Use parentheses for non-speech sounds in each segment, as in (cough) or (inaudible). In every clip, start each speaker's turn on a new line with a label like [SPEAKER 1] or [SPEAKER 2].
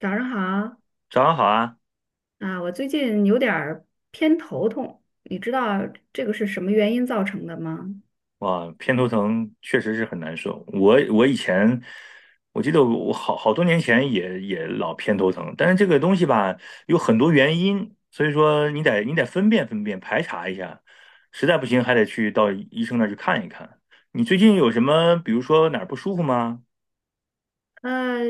[SPEAKER 1] 早上好
[SPEAKER 2] 早上好啊！
[SPEAKER 1] 啊，我最近有点儿偏头痛，你知道这个是什么原因造成的吗？
[SPEAKER 2] 哇，偏头疼确实是很难受。我以前，我记得我好多年前也老偏头疼，但是这个东西吧，有很多原因，所以说你得分辨分辨，排查一下，实在不行还得去到医生那儿去看一看。你最近有什么，比如说哪儿不舒服吗？
[SPEAKER 1] 呃，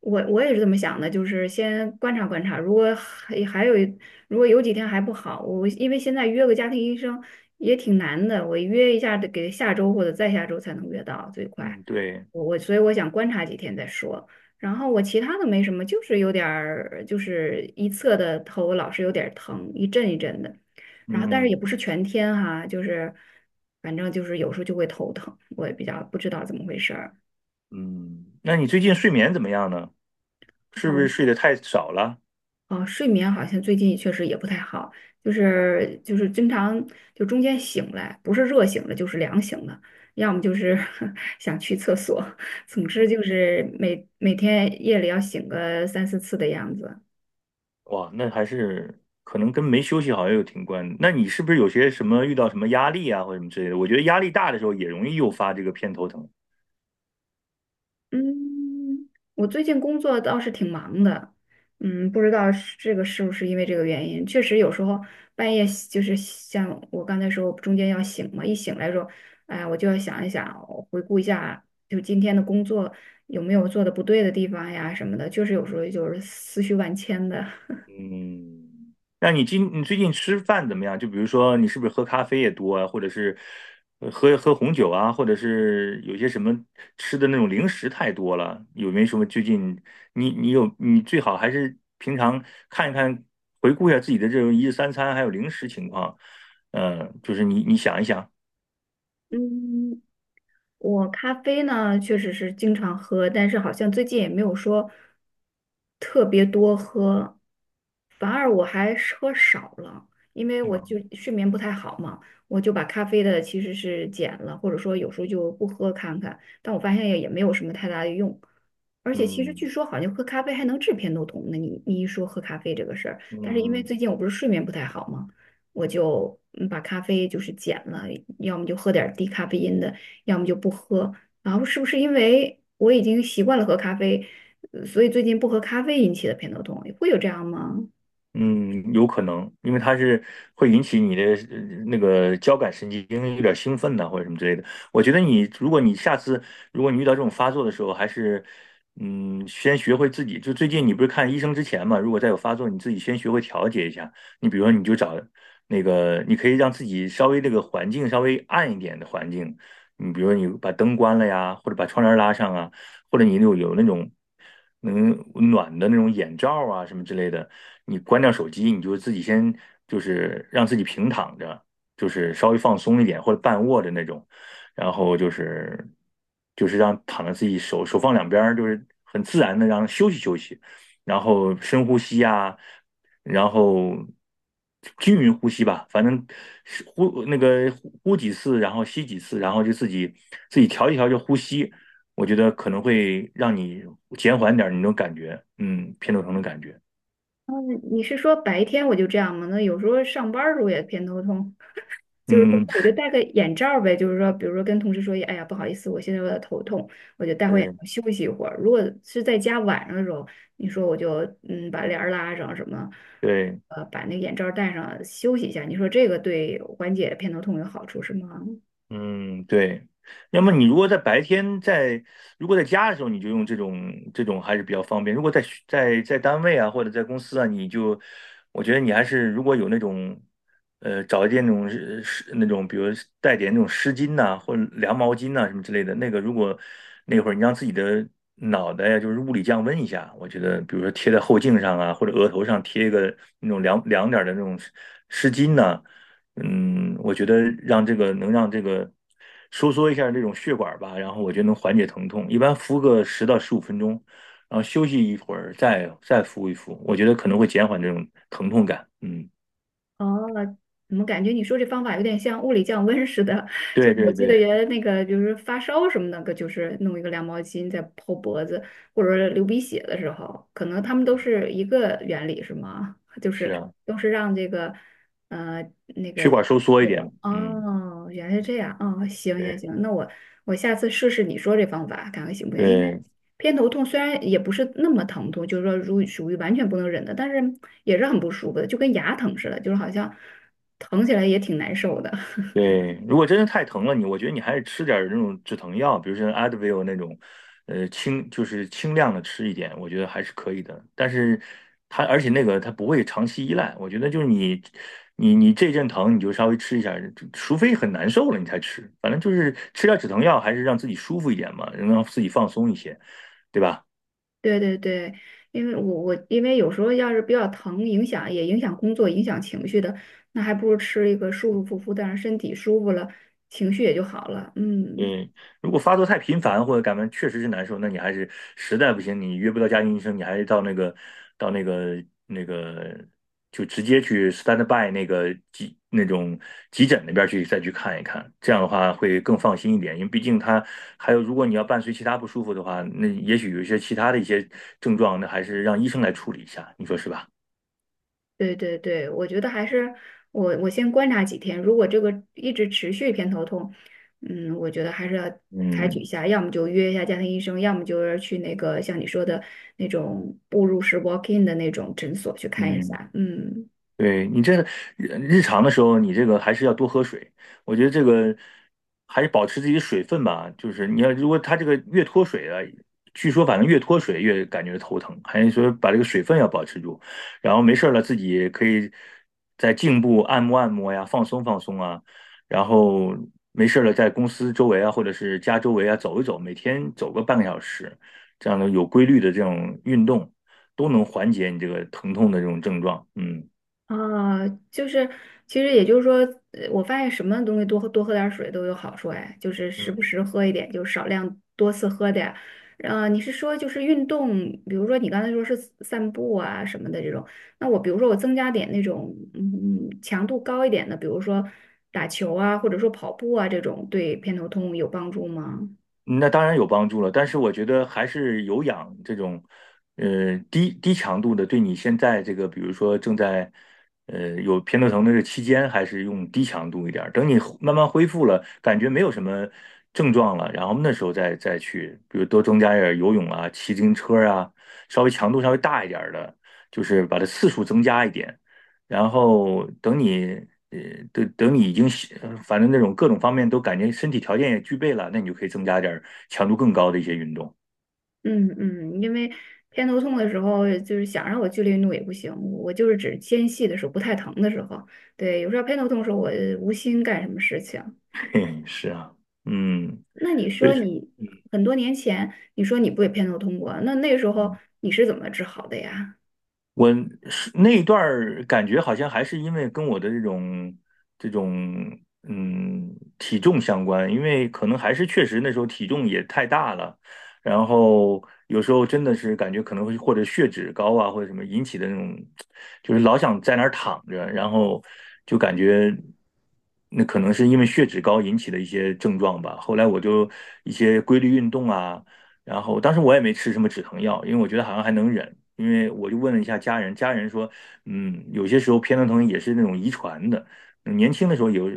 [SPEAKER 1] 我也是这么想的，就是先观察观察，如果有几天还不好，我因为现在约个家庭医生也挺难的，我约一下得给下周或者再下周才能约到，最快。
[SPEAKER 2] 嗯，对，
[SPEAKER 1] 我所以我想观察几天再说。然后我其他的没什么，就是有点儿，就是一侧的头老是有点儿疼，一阵一阵的。然后但是也
[SPEAKER 2] 嗯
[SPEAKER 1] 不是全天哈、就是反正就是有时候就会头疼，我也比较不知道怎么回事儿。
[SPEAKER 2] 嗯，那你最近睡眠怎么样呢？是
[SPEAKER 1] 哦
[SPEAKER 2] 不是睡得太少了？
[SPEAKER 1] 哦，睡眠好像最近确实也不太好，就是经常就中间醒来，不是热醒了就是凉醒了，要么就是 (laughs) 想去厕所，总之就是每天夜里要醒个三四次的样子。
[SPEAKER 2] 哇，那还是可能跟没休息好也有挺关。那你是不是有些什么遇到什么压力啊，或者什么之类的？我觉得压力大的时候也容易诱发这个偏头疼。
[SPEAKER 1] 嗯，我最近工作倒是挺忙的，不知道是这个是不是因为这个原因，确实有时候半夜就是像我刚才说，中间要醒嘛，一醒来说，哎，我就要想一想，我回顾一下，就今天的工作有没有做的不对的地方呀什么的，就是有时候就是思绪万千的。(laughs)
[SPEAKER 2] 嗯，那你最近吃饭怎么样？就比如说你是不是喝咖啡也多啊，或者是喝红酒啊，或者是有些什么吃的那种零食太多了？有没有什么最近你最好还是平常看一看，回顾一下自己的这种一日三餐还有零食情况。嗯，就是你想一想。
[SPEAKER 1] 嗯，我咖啡呢，确实是经常喝，但是好像最近也没有说特别多喝，反而我还是喝少了，因为我就
[SPEAKER 2] 嗯
[SPEAKER 1] 睡眠不太好嘛，我就把咖啡的其实是减了，或者说有时候就不喝看看，但我发现也没有什么太大的用，而且其实据
[SPEAKER 2] 嗯
[SPEAKER 1] 说好像喝咖啡还能治偏头痛呢，你一说喝咖啡这个事儿，但是因为
[SPEAKER 2] 嗯
[SPEAKER 1] 最近我不是睡眠不太好嘛。我就把咖啡就是减了，要么就喝点儿低咖啡因的。要么就不喝。然后是不是因为我已经习惯了喝咖啡，所以最近不喝咖啡引起的偏头痛，会有这样吗？
[SPEAKER 2] 嗯，有可能，因为它是会引起你的呃那个交感神经有点兴奋呐、或者什么之类的。我觉得你，如果你如果你遇到这种发作的时候，还是先学会自己。就最近你不是看医生之前嘛，如果再有发作，你自己先学会调节一下。你比如说，你就找那个，你可以让自己稍微这个环境稍微暗一点的环境，你比如说你把灯关了呀，或者把窗帘拉上啊。或者你有那种能暖的那种眼罩啊什么之类的，你关掉手机，你就自己先就是让自己平躺着，就是稍微放松一点或者半卧着那种，然后就是让躺在自己手放两边儿，就是很自然的让休息休息，然后深呼吸啊，然后均匀呼吸吧，反正是呼那个呼呼几次，然后吸几次，然后就自己调一调就呼吸。我觉得可能会让你减缓点儿你那种感觉，偏头疼的感觉，
[SPEAKER 1] 嗯，你是说白天我就这样吗？那有时候上班儿时候也偏头痛，(laughs) 就是说
[SPEAKER 2] 嗯，
[SPEAKER 1] 我就戴个眼罩儿呗，就是说，比如说跟同事说，哎呀，不好意思，我现在有点头痛，我就戴会眼
[SPEAKER 2] 对
[SPEAKER 1] 罩休息一会儿。如果是在家晚上的时候，你说我就把帘儿拉上什么，
[SPEAKER 2] 对。
[SPEAKER 1] 把那个眼罩儿戴上休息一下，你说这个对缓解偏头痛有好处是吗？
[SPEAKER 2] 嗯，对。要么你如果在白天在，如果在家的时候，你就用这种还是比较方便。如果在学在在单位啊，或者在公司啊，你就，我觉得你还是如果有那种，找一件那种是那种，比如带点那种湿巾呐、或者凉毛巾呐、什么之类的，那个如果那会儿你让自己的脑袋呀、就是物理降温一下，我觉得，比如说贴在后颈上啊，或者额头上贴一个那种凉凉点儿的那种湿巾呐、嗯，我觉得让这个能让这个收缩一下这种血管吧，然后我觉得能缓解疼痛。一般敷个10到15分钟，然后休息一会儿再敷一敷，我觉得可能会减缓这种疼痛感。嗯，
[SPEAKER 1] 哦，怎么感觉你说这方法有点像物理降温似的？(laughs) 就
[SPEAKER 2] 对
[SPEAKER 1] 是我
[SPEAKER 2] 对
[SPEAKER 1] 记得
[SPEAKER 2] 对，
[SPEAKER 1] 原来那个，就是发烧什么那个，就是弄一个凉毛巾在泡脖子，或者流鼻血的时候，可能他们都是一个原理，是吗？(laughs) 就
[SPEAKER 2] 是
[SPEAKER 1] 是
[SPEAKER 2] 啊，
[SPEAKER 1] 都是让这个呃那
[SPEAKER 2] 血
[SPEAKER 1] 个
[SPEAKER 2] 管收缩一
[SPEAKER 1] 血
[SPEAKER 2] 点
[SPEAKER 1] 管。
[SPEAKER 2] 嘛。嗯，
[SPEAKER 1] 哦，原来是这样。哦，行行
[SPEAKER 2] 对
[SPEAKER 1] 行，那我下次试试你说这方法，看看行不行？因为
[SPEAKER 2] 对。
[SPEAKER 1] 偏头痛虽然也不是那么疼痛，就是说如属于完全不能忍的，但是也是很不舒服的，就跟牙疼似的，就是好像疼起来也挺难受的。(laughs)
[SPEAKER 2] 对，如果真的太疼了你，我觉得你还是吃点儿那种止疼药，比如说 Advil 那种，轻就是轻量的吃一点，我觉得还是可以的。但是它而且那个它不会长期依赖，我觉得就是你这阵疼你就稍微吃一下，除非很难受了你才吃，反正就是吃点止疼药，还是让自己舒服一点嘛，能让自己放松一些，对吧？
[SPEAKER 1] 对对对，因为我我因为有时候要是比较疼，影响也影响工作，影响情绪的，那还不如吃一个舒舒服服的，让身体舒服了，情绪也就好了。嗯。
[SPEAKER 2] 嗯，如果发作太频繁或者感冒确实是难受，那你还是实在不行，你约不到家庭医生，你还是到那个就直接去 stand by 那个急诊那边去再去看一看，这样的话会更放心一点，因为毕竟他还有如果你要伴随其他不舒服的话，那也许有一些其他的一些症状，那还是让医生来处理一下，你说是吧？
[SPEAKER 1] 对对对，我觉得还是我先观察几天，如果这个一直持续偏头痛，我觉得还是要采取一
[SPEAKER 2] 嗯
[SPEAKER 1] 下，要么就约一下家庭医生，要么就是去那个像你说的那种步入式 walk in 的那种诊所去看一
[SPEAKER 2] 嗯。
[SPEAKER 1] 下。嗯，
[SPEAKER 2] 对，你这日常的时候，你这个还是要多喝水。我觉得这个还是保持自己的水分吧。就是你要如果它这个越脱水啊，据说反正越脱水越感觉头疼，还是说把这个水分要保持住。然后没事儿了，自己也可以在颈部按摩按摩呀，放松放松啊。然后没事儿了，在公司周围啊，或者是家周围啊走一走，每天走个半个小时，这样的有规律的这种运动，都能缓解你这个疼痛的这种症状。嗯。
[SPEAKER 1] 啊，就是其实也就是说，我发现什么东西多喝多喝点儿水都有好处哎，就是时不时喝一点，就少量多次喝点儿。你是说就是运动，比如说你刚才说是散步啊什么的这种，那我比如说我增加点那种强度高一点的，比如说打球啊，或者说跑步啊这种，对偏头痛有帮助吗？
[SPEAKER 2] 嗯那当然有帮助了，但是我觉得还是有氧这种，低强度的，对你现在这个，比如说正在，有偏头疼的这期间，还是用低强度一点儿。等你慢慢恢复了，感觉没有什么症状了，然后那时候再去，比如多增加一点儿游泳啊、骑自行车啊，稍微强度稍微大一点儿的，就是把它次数增加一点。然后等你呃等等你已经是反正那种各种方面都感觉身体条件也具备了，那你就可以增加点儿强度更高的一些运动。
[SPEAKER 1] 嗯嗯，因为偏头痛的时候，就是想让我剧烈运动也不行，我就是指间隙的时候不太疼的时候。对，有时候偏头痛的时候，我无心干什么事情。
[SPEAKER 2] (laughs) 嘿，是啊，嗯。
[SPEAKER 1] 那你
[SPEAKER 2] 所
[SPEAKER 1] 说
[SPEAKER 2] 以
[SPEAKER 1] 你
[SPEAKER 2] 嗯
[SPEAKER 1] 很多年前，你说你不也偏头痛过？那时候
[SPEAKER 2] 嗯。
[SPEAKER 1] 你是怎么治好的呀？
[SPEAKER 2] 我是那一段儿感觉好像还是因为跟我的这种嗯体重相关，因为可能还是确实那时候体重也太大了，然后有时候真的是感觉可能会或者血脂高啊或者什么引起的那种，就是老想在那儿躺着，然后就感觉那可能是因为血脂高引起的一些症状吧。后来我就一些规律运动啊。然后当时我也没吃什么止疼药，因为我觉得好像还能忍。因为我就问了一下家人，家人说，嗯，有些时候偏头疼也是那种遗传的，年轻的时候有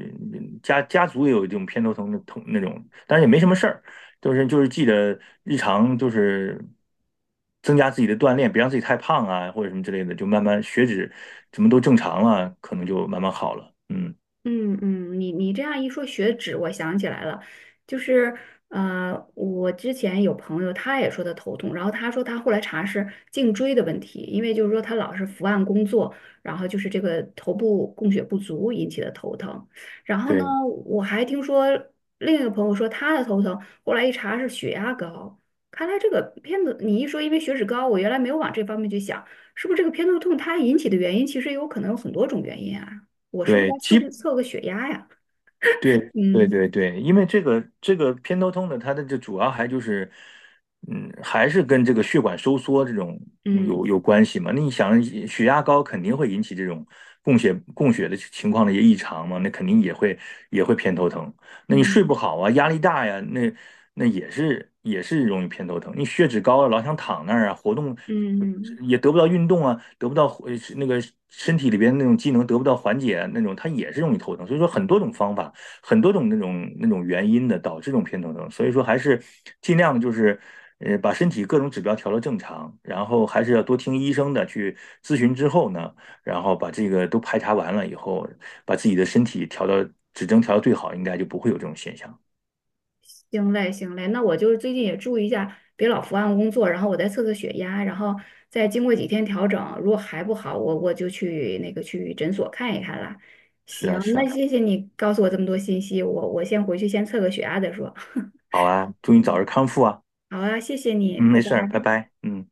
[SPEAKER 2] 家族也有这种偏头疼的那种，但是也没什么事儿，就是记得日常就是增加自己的锻炼，别让自己太胖啊或者什么之类的，就慢慢血脂什么都正常了，可能就慢慢好了。嗯，
[SPEAKER 1] 嗯嗯，你这样一说血脂，我想起来了，就是我之前有朋友他也说他头痛，然后他说他后来查是颈椎的问题，因为就是说他老是伏案工作，然后就是这个头部供血不足引起的头疼。然后呢，
[SPEAKER 2] 对
[SPEAKER 1] 我还听说另一个朋友说他的头疼，后来一查是血压高。看来这个偏头，你一说因为血脂高，我原来没有往这方面去想，是不是这个偏头痛它引起的原因其实有可能有很多种原因啊？我是不是
[SPEAKER 2] 对，
[SPEAKER 1] 该测量测个血压呀？
[SPEAKER 2] 对对
[SPEAKER 1] 嗯
[SPEAKER 2] 对对，因为这个偏头痛呢，它的主要还就是，嗯，还是跟这个血管收缩这种有
[SPEAKER 1] 嗯
[SPEAKER 2] 关系嘛。那你想，血压高肯定会引起这种供血的情况的一些异常嘛，那肯定也会偏头疼。那你睡不
[SPEAKER 1] 嗯
[SPEAKER 2] 好啊，压力大呀，那也是容易偏头疼。你血脂高了，老想躺那儿啊，活动
[SPEAKER 1] 嗯。
[SPEAKER 2] 也得不到运动啊，得不到那个身体里边那种机能得不到缓解啊那种，它也是容易头疼。所以说很多种方法。很多种那种原因的导致这种偏头痛，所以说还是尽量就是把身体各种指标调到正常，然后还是要多听医生的去咨询之后呢，然后把这个都排查完了以后，把自己的身体指征调到最好，应该就不会有这种现象。
[SPEAKER 1] 行嘞，行嘞，那我就是最近也注意一下，别老伏案工作，然后我再测测血压，然后再经过几天调整，如果还不好，我就去那个去诊所看一看啦。
[SPEAKER 2] 是
[SPEAKER 1] 行，
[SPEAKER 2] 啊，是
[SPEAKER 1] 那
[SPEAKER 2] 啊，
[SPEAKER 1] 谢谢你告诉我这么多信息，我先回去先测个血压再说。
[SPEAKER 2] 好啊，祝你早日
[SPEAKER 1] 嗯。
[SPEAKER 2] 康复啊。
[SPEAKER 1] 好啊，谢谢你，
[SPEAKER 2] 嗯，
[SPEAKER 1] 拜
[SPEAKER 2] 没事儿，拜
[SPEAKER 1] 拜。
[SPEAKER 2] 拜。嗯。